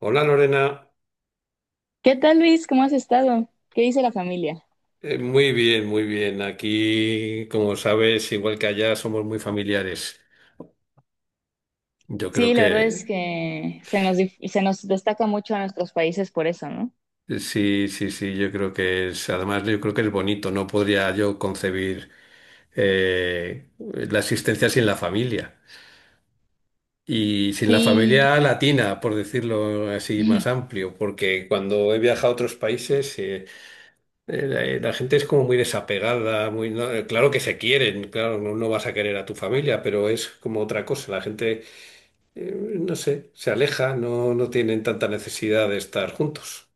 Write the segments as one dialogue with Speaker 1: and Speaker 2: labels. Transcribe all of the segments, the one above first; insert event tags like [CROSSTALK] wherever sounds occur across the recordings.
Speaker 1: Hola Lorena.
Speaker 2: ¿Qué tal, Luis? ¿Cómo has estado? ¿Qué dice la familia?
Speaker 1: Muy bien, muy bien. Aquí, como sabes, igual que allá, somos muy familiares. Yo creo
Speaker 2: Sí, la verdad
Speaker 1: que
Speaker 2: es que se nos destaca mucho a nuestros países por eso, ¿no?
Speaker 1: sí, sí, sí, yo creo que es, además yo creo que es bonito, no podría yo concebir la existencia sin la familia. Y sin la
Speaker 2: Sí,
Speaker 1: familia latina, por decirlo así más
Speaker 2: [LAUGHS]
Speaker 1: amplio, porque cuando he viajado a otros países, la gente es como muy desapegada, muy, claro que se quieren, claro, no, no vas a querer a tu familia, pero es como otra cosa. La gente, no sé, se aleja, no, no tienen tanta necesidad de estar juntos.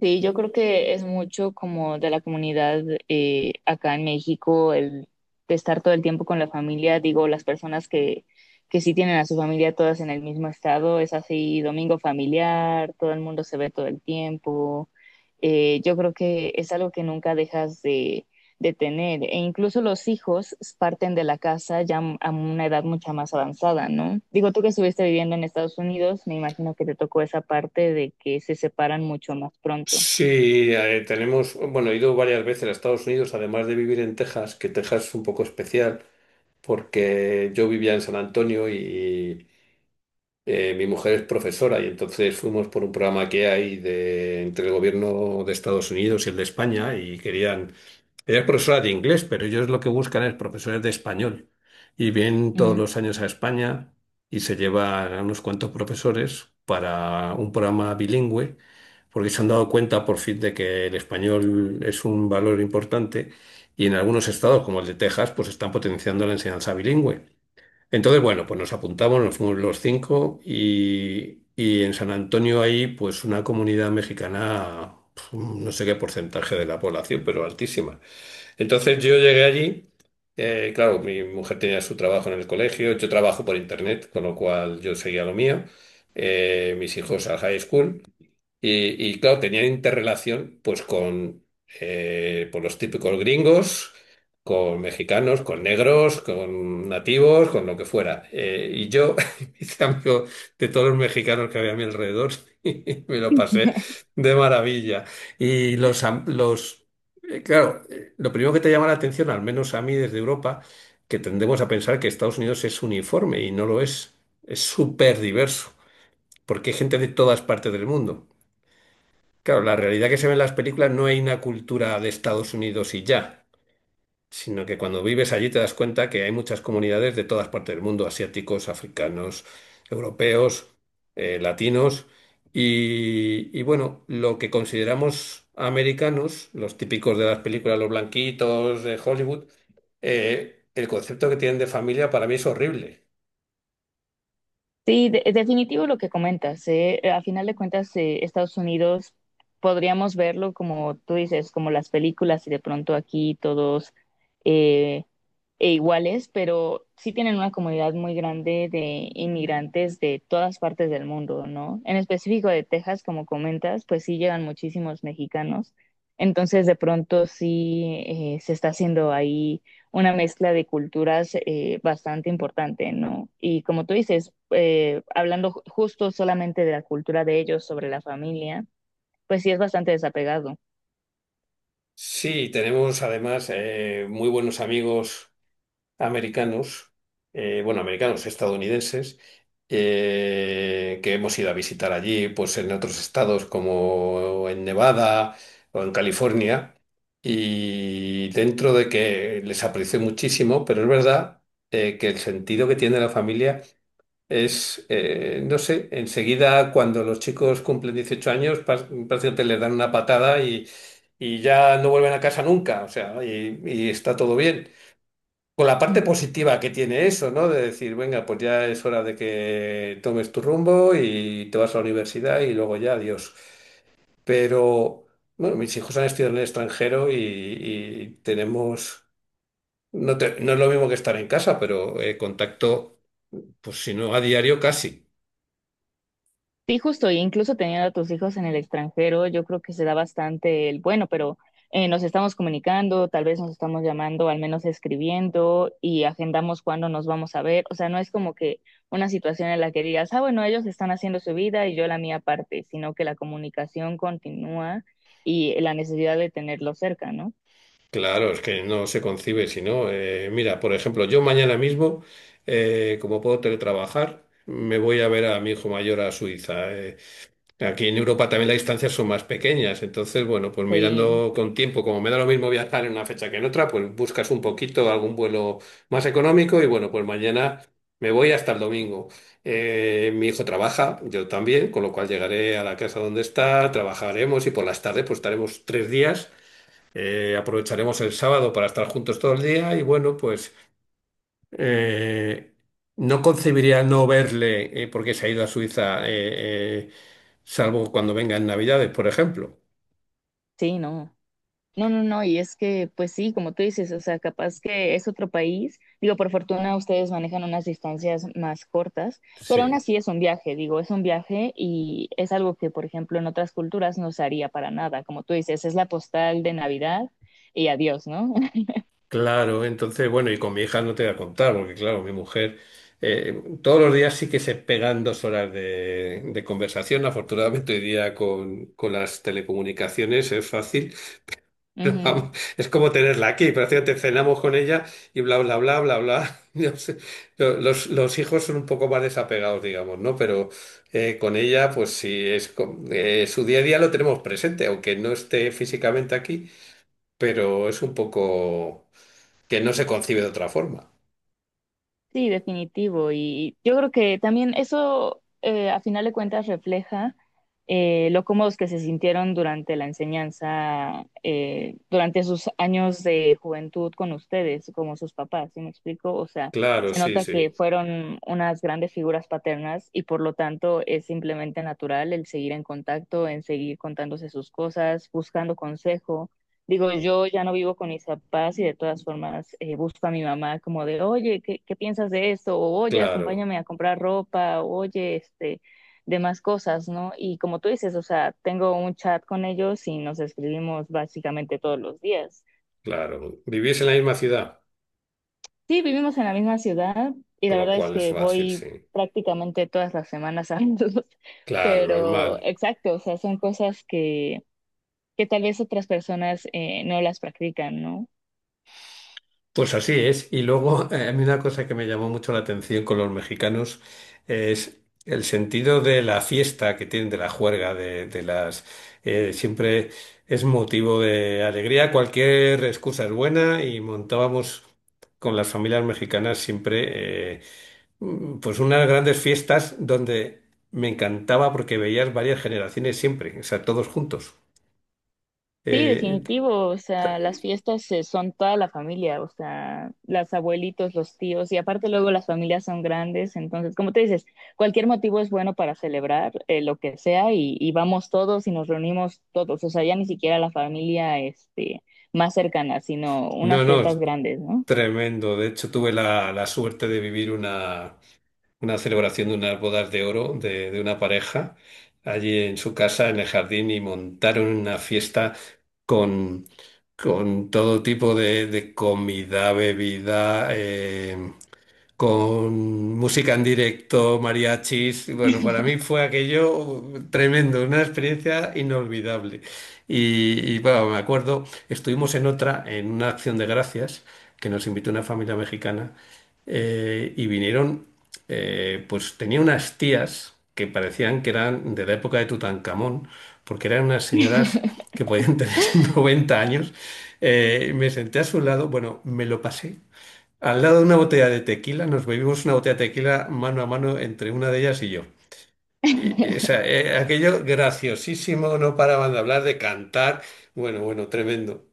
Speaker 2: sí, yo creo que es mucho como de la comunidad acá en México el de estar todo el tiempo con la familia, digo, las personas que sí tienen a su familia todas en el mismo estado, es así, domingo familiar, todo el mundo se ve todo el tiempo. Yo creo que es algo que nunca dejas de tener. E incluso los hijos parten de la casa ya a una edad mucha más avanzada, ¿no? Digo, tú que estuviste viviendo en Estados Unidos, me imagino que te tocó esa parte de que se separan mucho más pronto.
Speaker 1: Sí, tenemos, bueno, he ido varias veces a Estados Unidos, además de vivir en Texas, que Texas es un poco especial, porque yo vivía en San Antonio y mi mujer es profesora y entonces fuimos por un programa que hay de, entre el gobierno de Estados Unidos y el de España y querían. Ella es profesora de inglés, pero ellos lo que buscan es profesores de español. Y vienen todos
Speaker 2: Mm.
Speaker 1: los años a España y se llevan a unos cuantos profesores para un programa bilingüe, porque se han dado cuenta por fin de que el español es un valor importante y en algunos estados, como el de Texas, pues están potenciando la enseñanza bilingüe. Entonces, bueno, pues nos apuntamos, nos fuimos los 5 y en San Antonio hay pues una comunidad mexicana, pf, no sé qué porcentaje de la población, pero altísima. Entonces yo llegué allí, claro, mi mujer tenía su trabajo en el colegio, yo trabajo por internet, con lo cual yo seguía lo mío, mis hijos al high school. Y, claro, tenían interrelación pues con pues, los típicos gringos, con mexicanos, con negros, con nativos, con lo que fuera. Y yo [LAUGHS] me hice amigo de todos los mexicanos que había a mi alrededor [LAUGHS] y me lo pasé de maravilla. Y los, claro, lo primero que te llama la atención, al menos a mí desde Europa, que tendemos a pensar que Estados Unidos es uniforme y no lo es. Es súper diverso, porque hay gente de todas partes del mundo. Claro, la realidad que se ve en las películas, no hay una cultura de Estados Unidos y ya, sino que cuando vives allí te das cuenta que hay muchas comunidades de todas partes del mundo, asiáticos, africanos, europeos, latinos, y bueno, lo que consideramos americanos, los típicos de las películas, los blanquitos de Hollywood. El concepto que tienen de familia para mí es horrible.
Speaker 2: Sí, de es definitivo lo que comentas, ¿eh? A final de cuentas, Estados Unidos podríamos verlo como tú dices, como las películas y de pronto aquí todos... Eh, e iguales, pero sí tienen una comunidad muy grande de inmigrantes de todas partes del mundo, ¿no? En específico de Texas, como comentas, pues sí llegan muchísimos mexicanos. Entonces, de pronto sí se está haciendo ahí una mezcla de culturas bastante importante, ¿no? Y como tú dices, justo solamente de la cultura de ellos sobre la familia, pues sí es bastante desapegado.
Speaker 1: Sí, tenemos además muy buenos amigos americanos. Bueno, americanos, estadounidenses, que hemos ido a visitar allí, pues en otros estados como en Nevada o en California, y dentro de que les aprecio muchísimo, pero es verdad que el sentido que tiene la familia es, no sé, enseguida cuando los chicos cumplen 18 años, prácticamente les dan una patada y ya no vuelven a casa nunca, o sea, y está todo bien con la parte positiva que tiene eso, ¿no? De decir, venga, pues ya es hora de que tomes tu rumbo y te vas a la universidad y luego ya, adiós. Pero, bueno, mis hijos han estudiado en el extranjero y tenemos, no, no es lo mismo que estar en casa, pero contacto, pues si no a diario, casi.
Speaker 2: Sí, justo, e incluso teniendo a tus hijos en el extranjero, yo creo que se da bastante el bueno, pero nos estamos comunicando, tal vez nos estamos llamando, al menos escribiendo y agendamos cuándo nos vamos a ver. O sea, no es como que una situación en la que digas, ah, bueno, ellos están haciendo su vida y yo la mía aparte, sino que la comunicación continúa y la necesidad de tenerlo cerca, ¿no?
Speaker 1: Claro, es que no se concibe, si no, mira, por ejemplo, yo mañana mismo, como puedo teletrabajar, me voy a ver a mi hijo mayor a Suiza. Aquí en Europa también las distancias son más pequeñas, entonces, bueno, pues
Speaker 2: Sí,
Speaker 1: mirando con tiempo, como me da lo mismo viajar en una fecha que en otra, pues buscas un poquito algún vuelo más económico y bueno, pues mañana me voy hasta el domingo. Mi hijo trabaja, yo también, con lo cual llegaré a la casa donde está, trabajaremos y por las tardes pues estaremos 3 días, aprovecharemos el sábado para estar juntos todo el día y bueno, pues eh, no concebiría no verle porque se ha ido a Suiza, salvo cuando venga en Navidades, por ejemplo.
Speaker 2: sí, no. No, no, no, y es que, pues sí, como tú dices, o sea, capaz que es otro país, digo, por fortuna ustedes manejan unas distancias más cortas, pero aún
Speaker 1: Sí,
Speaker 2: así es un viaje, digo, es un viaje y es algo que, por ejemplo, en otras culturas no se haría para nada, como tú dices, es la postal de Navidad y adiós, ¿no? [LAUGHS]
Speaker 1: claro. Entonces, bueno, y con mi hija no te voy a contar, porque claro, mi mujer todos los días sí que se pegan 2 horas de conversación. Afortunadamente, hoy día con las telecomunicaciones es fácil.
Speaker 2: Ujú.
Speaker 1: Vamos, es como tenerla aquí, prácticamente cenamos con ella y bla, bla, bla, bla, bla. [LAUGHS] Yo sé, los hijos son un poco más desapegados, digamos, ¿no? Pero con ella, pues sí, su día a día lo tenemos presente, aunque no esté físicamente aquí, pero es un poco que no se concibe de otra forma.
Speaker 2: Sí, definitivo. Y yo creo que también eso, a final de cuentas, refleja lo cómodos que se sintieron durante la enseñanza, durante sus años de juventud con ustedes, como sus papás, ¿sí me explico? O sea,
Speaker 1: Claro,
Speaker 2: se
Speaker 1: sí,
Speaker 2: nota que
Speaker 1: sí,
Speaker 2: fueron unas grandes figuras paternas y por lo tanto es simplemente natural el seguir en contacto, en seguir contándose sus cosas, buscando consejo. Digo, yo ya no vivo con mis papás y de todas formas busco a mi mamá como de, oye, ¿qué piensas de esto? O, oye,
Speaker 1: claro,
Speaker 2: acompáñame a comprar ropa, oye, este, demás cosas, ¿no? Y como tú dices, o sea, tengo un chat con ellos y nos escribimos básicamente todos los días.
Speaker 1: claro. Vivís en la misma ciudad,
Speaker 2: Sí, vivimos en la misma ciudad y
Speaker 1: con
Speaker 2: la
Speaker 1: lo
Speaker 2: verdad es
Speaker 1: cual es
Speaker 2: que
Speaker 1: fácil,
Speaker 2: voy
Speaker 1: sí.
Speaker 2: prácticamente todas las semanas a verlos, [LAUGHS]
Speaker 1: Claro,
Speaker 2: pero
Speaker 1: normal.
Speaker 2: exacto, o sea, son cosas que tal vez otras personas no las practican, ¿no?
Speaker 1: Pues así es. Y luego, a mí una cosa que me llamó mucho la atención con los mexicanos es el sentido de la fiesta que tienen, de la juerga, de las... siempre es motivo de alegría, cualquier excusa es buena y montábamos con las familias mexicanas siempre pues unas grandes fiestas donde me encantaba porque veías varias generaciones siempre, o sea, todos juntos.
Speaker 2: Sí,
Speaker 1: Eh,
Speaker 2: definitivo, o sea, las fiestas son toda la familia, o sea, las abuelitos, los tíos, y aparte luego las familias son grandes, entonces, como te dices, cualquier motivo es bueno para celebrar lo que sea y vamos todos y nos reunimos todos, o sea, ya ni siquiera la familia este, más cercana, sino
Speaker 1: no,
Speaker 2: unas
Speaker 1: no.
Speaker 2: fiestas grandes, ¿no?
Speaker 1: Tremendo. De hecho, tuve la suerte de vivir una celebración de unas bodas de oro de una pareja allí en su casa, en el jardín, y montaron una fiesta con, con todo tipo de comida, bebida. Con música en directo, mariachis. Y bueno, para mí fue aquello tremendo, una experiencia inolvidable. Y, bueno, me acuerdo, estuvimos en otra, en una acción de gracias, que nos invitó una familia mexicana, y vinieron, pues tenía unas tías que parecían que eran de la época de Tutankamón, porque eran unas señoras que podían tener [LAUGHS] 90 años. Me senté a su lado, bueno, me lo pasé al lado de una botella de tequila, nos bebimos una botella de tequila mano a mano entre una de ellas y yo. Y, o sea, aquello graciosísimo, no paraban de hablar, de cantar. Bueno, bueno, tremendo.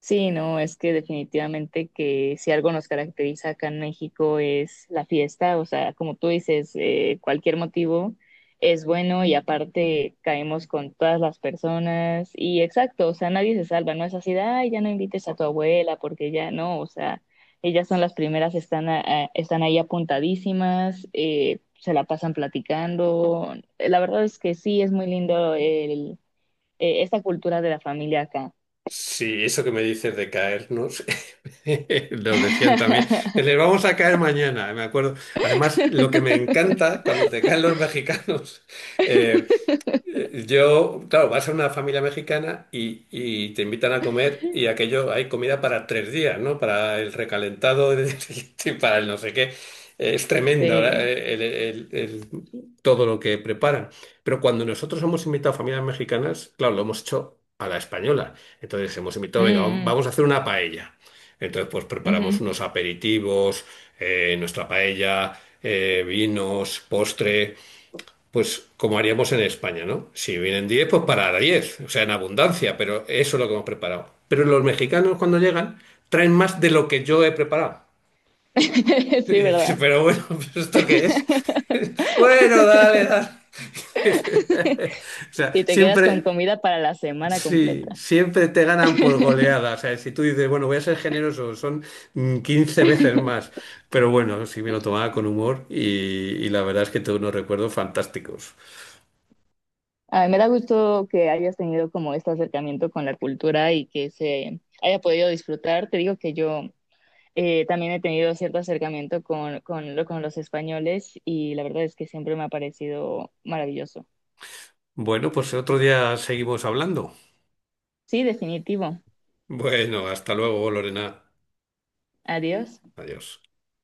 Speaker 2: Sí, no, es que definitivamente que si algo nos caracteriza acá en México es la fiesta, o sea, como tú dices, cualquier motivo es bueno y aparte caemos con todas las personas y exacto, o sea, nadie se salva, no es así de, ay, ya no invites a tu abuela porque ya no, o sea, ellas son las primeras, están ahí apuntadísimas, se la pasan platicando. La verdad es que sí, es muy lindo el, esta cultura de la familia acá.
Speaker 1: Sí, eso que me dices de caernos, [LAUGHS] lo decían también.
Speaker 2: [LAUGHS]
Speaker 1: Les vamos a caer mañana, me acuerdo. Además, lo que me
Speaker 2: [LAUGHS]
Speaker 1: encanta cuando te caen los mexicanos, [LAUGHS] yo, claro, vas a una familia mexicana y te invitan a comer y aquello hay comida para 3 días, ¿no? Para el recalentado [LAUGHS] y para el no sé qué. Es tremendo ahora,
Speaker 2: Sí.
Speaker 1: todo lo que preparan. Pero cuando nosotros hemos invitado a familias mexicanas, claro, lo hemos hecho a la española. Entonces hemos
Speaker 2: Mm,
Speaker 1: invitado, venga,
Speaker 2: mm,
Speaker 1: vamos a hacer una paella. Entonces, pues preparamos
Speaker 2: ujú.
Speaker 1: unos aperitivos, nuestra paella, vinos, postre. Pues como haríamos en España, ¿no? Si vienen 10, pues para 10, o sea, en abundancia, pero eso es lo que hemos preparado. Pero los mexicanos cuando llegan traen más de lo que yo he preparado. [LAUGHS]
Speaker 2: [LAUGHS]
Speaker 1: Y
Speaker 2: Sí,
Speaker 1: dices,
Speaker 2: ¿verdad?
Speaker 1: pero bueno, [LAUGHS] ¿esto qué es? [LAUGHS] Bueno, dale, dale. [LAUGHS] O sea,
Speaker 2: Y te quedas con
Speaker 1: siempre,
Speaker 2: comida para la semana
Speaker 1: sí,
Speaker 2: completa.
Speaker 1: siempre te ganan por
Speaker 2: [LAUGHS]
Speaker 1: goleada. O sea, si tú dices, bueno, voy a ser generoso, son 15 veces más. Pero bueno, sí me lo tomaba con humor y la verdad es que tengo unos recuerdos fantásticos.
Speaker 2: A mí me da gusto que hayas tenido como este acercamiento con la cultura y que se haya podido disfrutar. Te digo que yo también he tenido cierto acercamiento con, con los españoles y la verdad es que siempre me ha parecido maravilloso.
Speaker 1: Bueno, pues otro día seguimos hablando.
Speaker 2: Sí, definitivo.
Speaker 1: Bueno, hasta luego, Lorena.
Speaker 2: Adiós.
Speaker 1: Adiós.